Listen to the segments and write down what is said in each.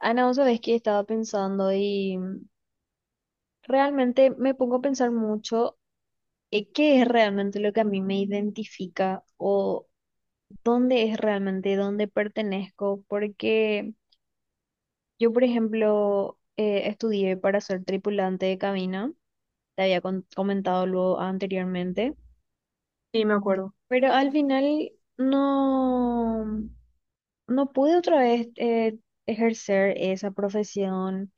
Ana, vos sabés que estaba pensando y realmente me pongo a pensar mucho qué es realmente lo que a mí me identifica o dónde es realmente dónde pertenezco, porque yo, por ejemplo, estudié para ser tripulante de cabina, te había comentado luego anteriormente, Sí, me acuerdo. pero al final no, no pude otra vez ejercer esa profesión.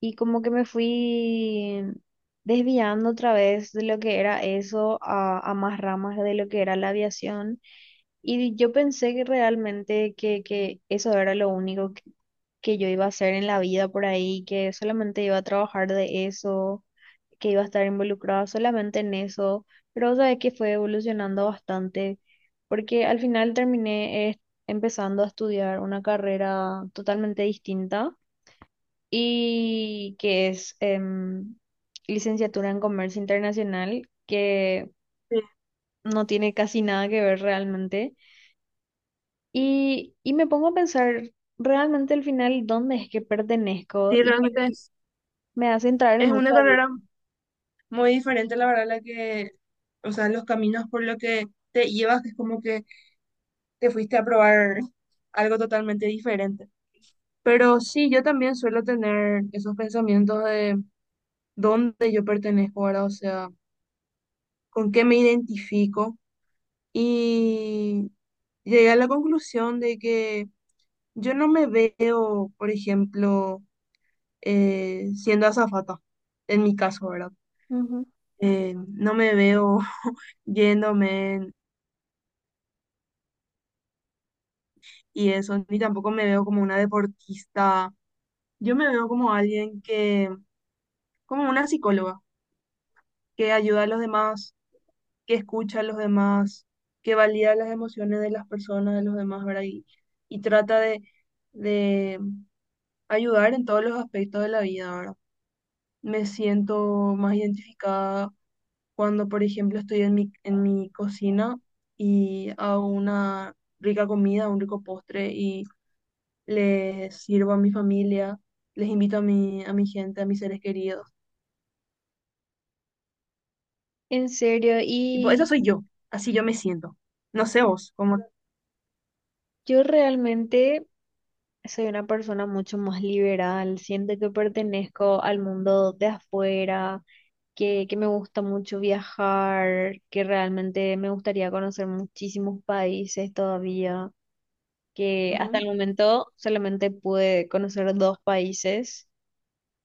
Y como que me fui desviando otra vez de lo que era eso a más ramas de lo que era la aviación. Y yo pensé que realmente que eso era lo único que yo iba a hacer en la vida por ahí, que solamente iba a trabajar de eso, que iba a estar involucrada solamente en eso. Pero sabes que fue evolucionando bastante, porque al final terminé empezando a estudiar una carrera totalmente distinta y que es licenciatura en Comercio Internacional, que Sí, no tiene casi nada que ver realmente. Y me pongo a pensar realmente al final dónde es que pertenezco sí, y realmente es, me hace entrar en es una mucha duda. carrera muy diferente, la verdad, la que, o sea, los caminos por los que te llevas, es como que te fuiste a probar algo totalmente diferente. Pero sí, yo también suelo tener esos pensamientos de dónde yo pertenezco ahora, o sea, con qué me identifico. Y llegué a la conclusión de que yo no me veo, por ejemplo, siendo azafata, en mi caso, ¿verdad? Ujú. No me veo yéndome y eso, ni tampoco me veo como una deportista. Yo me veo como alguien que, como una psicóloga, que ayuda a los demás, que escucha a los demás, que valida las emociones de las personas, de los demás, ¿verdad? Y trata de, de ayudar en todos los aspectos de la vida, ¿verdad? Me siento más identificada cuando, por ejemplo, estoy en mi cocina y hago una rica comida, un rico postre y les sirvo a mi familia, les invito a mi gente, a mis seres queridos. En serio, Tipo, eso y soy yo, así yo me siento. No sé vos, cómo... yo realmente... soy una persona mucho más liberal, siento que pertenezco al mundo de afuera, que me gusta mucho viajar, que realmente me gustaría conocer muchísimos países todavía, que hasta el Ujú. momento solamente pude conocer dos países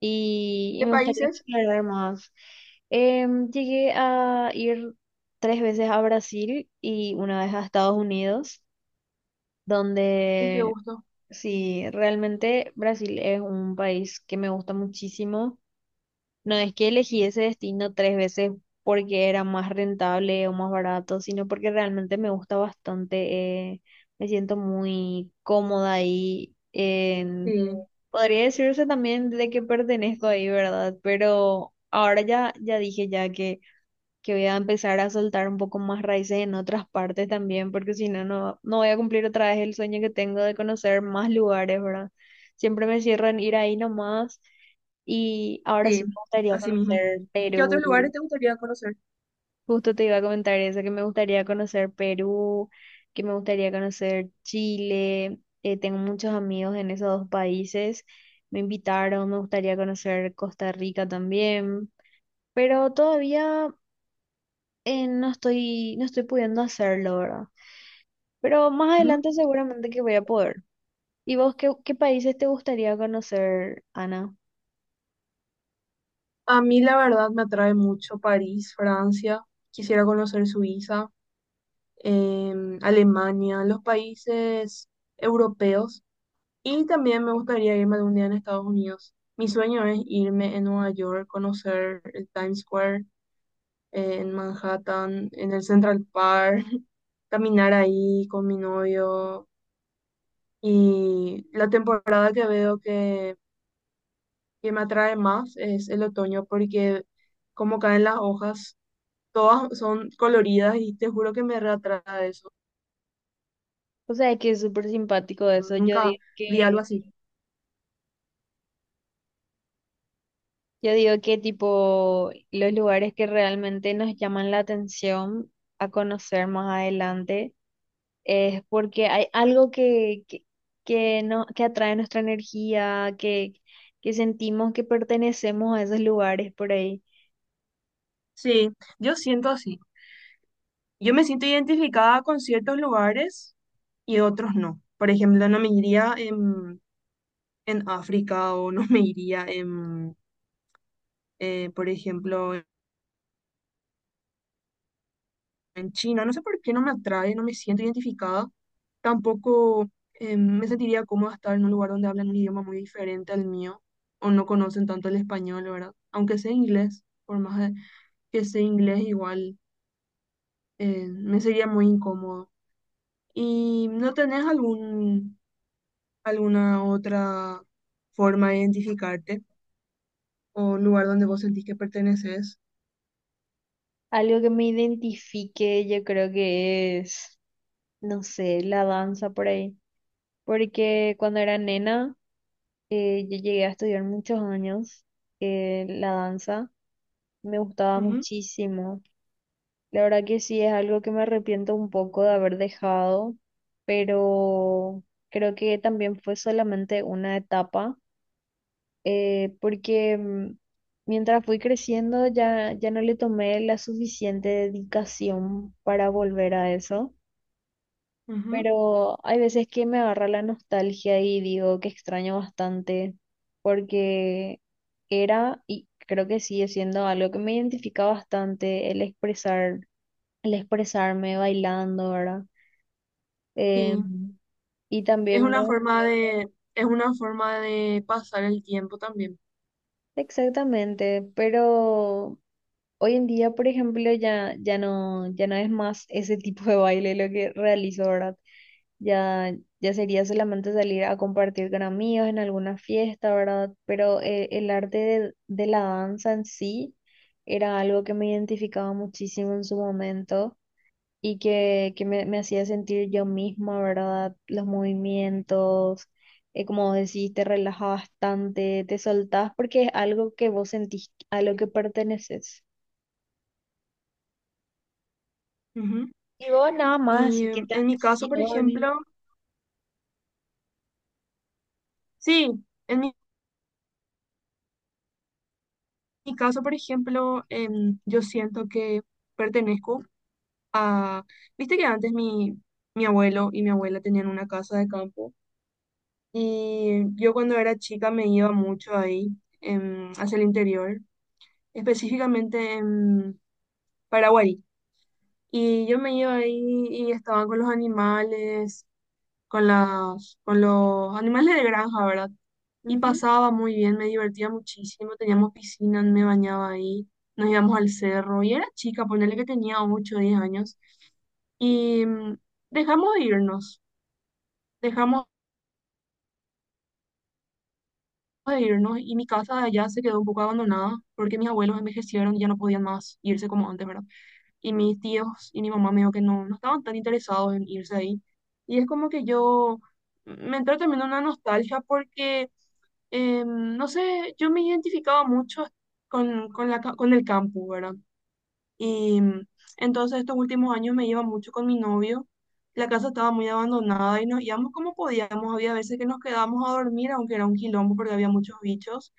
y ¿Qué me gustaría países? explorar más. Llegué a ir tres veces a Brasil y una vez a Estados Unidos, Ay, qué donde gusto. sí, realmente Brasil es un país que me gusta muchísimo. No es que elegí ese destino tres veces porque era más rentable o más barato, sino porque realmente me gusta bastante. Me siento muy cómoda ahí. Sí, Podría decirse también de que pertenezco ahí, ¿verdad? Pero ahora ya dije ya que voy a empezar a soltar un poco más raíces en otras partes también, porque si no, no, no voy a cumplir otra vez el sueño que tengo de conocer más lugares, ¿verdad? Siempre me cierro en ir ahí nomás y ahora sí, sí me gustaría así mismo. conocer ¿Y qué otros lugares Perú. te gustaría conocer? Justo te iba a comentar eso, que me gustaría conocer Perú, que me gustaría conocer Chile. Tengo muchos amigos en esos dos países. Me invitaron, me gustaría conocer Costa Rica también, pero todavía no no estoy pudiendo hacerlo, ¿verdad? Pero más Ujú. adelante seguramente que voy a poder. ¿Y vos qué países te gustaría conocer, Ana? A mí la verdad me atrae mucho París, Francia. Quisiera conocer Suiza, Alemania, los países europeos. Y también me gustaría irme algún día en Estados Unidos. Mi sueño es irme en Nueva York, conocer el Times Square, en Manhattan, en el Central Park, caminar ahí con mi novio. Y la temporada que veo que me atrae más es el otoño, porque como caen las hojas, todas son coloridas y te juro que me reatrae eso. O sea, que es súper simpático eso. Yo Nunca digo vi algo así. yo digo que tipo los lugares que realmente nos llaman la atención a conocer más adelante es porque hay algo que, no, que atrae nuestra energía, que sentimos que pertenecemos a esos lugares por ahí. Sí, yo siento así. Yo me siento identificada con ciertos lugares y otros no. Por ejemplo, no me iría en África o no me iría por ejemplo, en China. No sé por qué no me atrae, no me siento identificada. Tampoco me sentiría cómoda estar en un lugar donde hablan un idioma muy diferente al mío o no conocen tanto el español, ¿verdad? Aunque sea inglés, que sea inglés, igual me sería muy incómodo. ¿Y no tenés algún alguna otra forma de identificarte o un lugar donde vos sentís que perteneces? Algo que me identifique, yo creo que es, no sé, la danza por ahí. Porque cuando era nena, yo llegué a estudiar muchos años la danza. Me gustaba Ujú, muchísimo. La verdad que sí, es algo que me arrepiento un poco de haber dejado, pero creo que también fue solamente una etapa, porque mientras fui creciendo, ya no le tomé la suficiente dedicación para volver a eso. ujú. Pero hay veces que me agarra la nostalgia y digo que extraño bastante porque era y creo que sigue siendo algo que me identifica bastante el expresar, el expresarme bailando, ¿verdad? Sí, Em, y es también una me... forma de, es una forma de pasar el tiempo también. Exactamente, pero hoy en día, por ejemplo, ya no es más ese tipo de baile lo que realizo, ¿verdad? Ya, ya sería solamente salir a compartir con amigos en alguna fiesta, ¿verdad? Pero el arte de la danza en sí era algo que me identificaba muchísimo en su momento y me hacía sentir yo misma, ¿verdad? Los movimientos, como decís, te relajas bastante, te soltás porque es algo que vos sentís, a lo que perteneces. Ujú. Y vos nada más, Y así que te en mi caso, por aficiones. ejemplo, sí, en mi caso, por ejemplo, yo siento que pertenezco a, viste que antes mi abuelo y mi abuela tenían una casa de campo y yo cuando era chica me iba mucho ahí, hacia el interior específicamente en Paraguay. Y yo me iba ahí y estaba con los animales, con los animales de granja, ¿verdad? Y Ujú. pasaba muy bien, me divertía muchísimo, teníamos piscina, me bañaba ahí, nos íbamos al cerro y era chica, ponerle que tenía 8 o 10 años. Y dejamos de irnos, dejamos de irnos y mi casa de allá se quedó un poco abandonada porque mis abuelos envejecieron y ya no podían más irse como antes, ¿verdad? Y mis tíos y mi mamá me dijo que no, no estaban tan interesados en irse ahí. Y es como que yo me entró también una nostalgia porque, no sé, yo me identificaba mucho con con el campus, ¿verdad? Y entonces estos últimos años me iba mucho con mi novio. La casa estaba muy abandonada y nos íbamos como podíamos. Había veces que nos quedábamos a dormir, aunque era un quilombo porque había muchos bichos.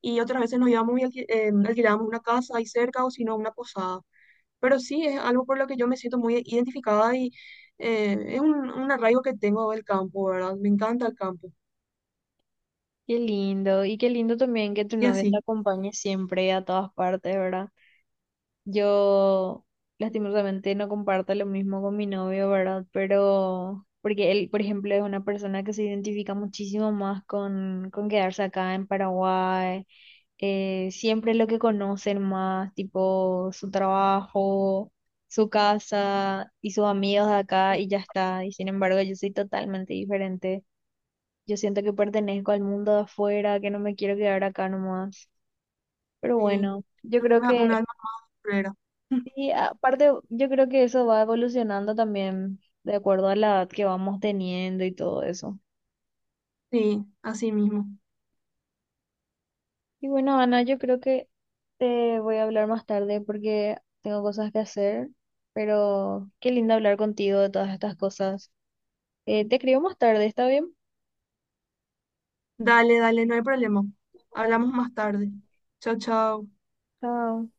Y otras veces nos íbamos y alquilábamos una casa ahí cerca o si no una posada. Pero sí, es algo por lo que yo me siento muy identificada y es un arraigo que tengo del campo, ¿verdad? Me encanta el campo. Qué lindo. Y qué lindo también que tu Y novia te así, acompañe siempre a todas partes, ¿verdad? Yo lastimosamente no comparto lo mismo con mi novio, ¿verdad? Pero porque él, por ejemplo, es una persona que se identifica muchísimo más con quedarse acá en Paraguay. Eh, siempre lo que conocen más, tipo su trabajo, su casa y sus amigos de acá sí, y ya está. Y sin embargo, yo soy totalmente diferente. Yo siento que pertenezco al mundo de afuera, que no me quiero quedar acá nomás. Pero sí, bueno, yo es creo una, que un alma más guerrera. y aparte, yo creo que eso va evolucionando también de acuerdo a la edad que vamos teniendo y todo eso. Sí, así mismo. Y bueno, Ana, yo creo que te voy a hablar más tarde porque tengo cosas que hacer, pero qué lindo hablar contigo de todas estas cosas. Te escribo más tarde, ¿está bien? Dale, dale, no hay problema. Hablamos más tarde. Chao, chao. Chao.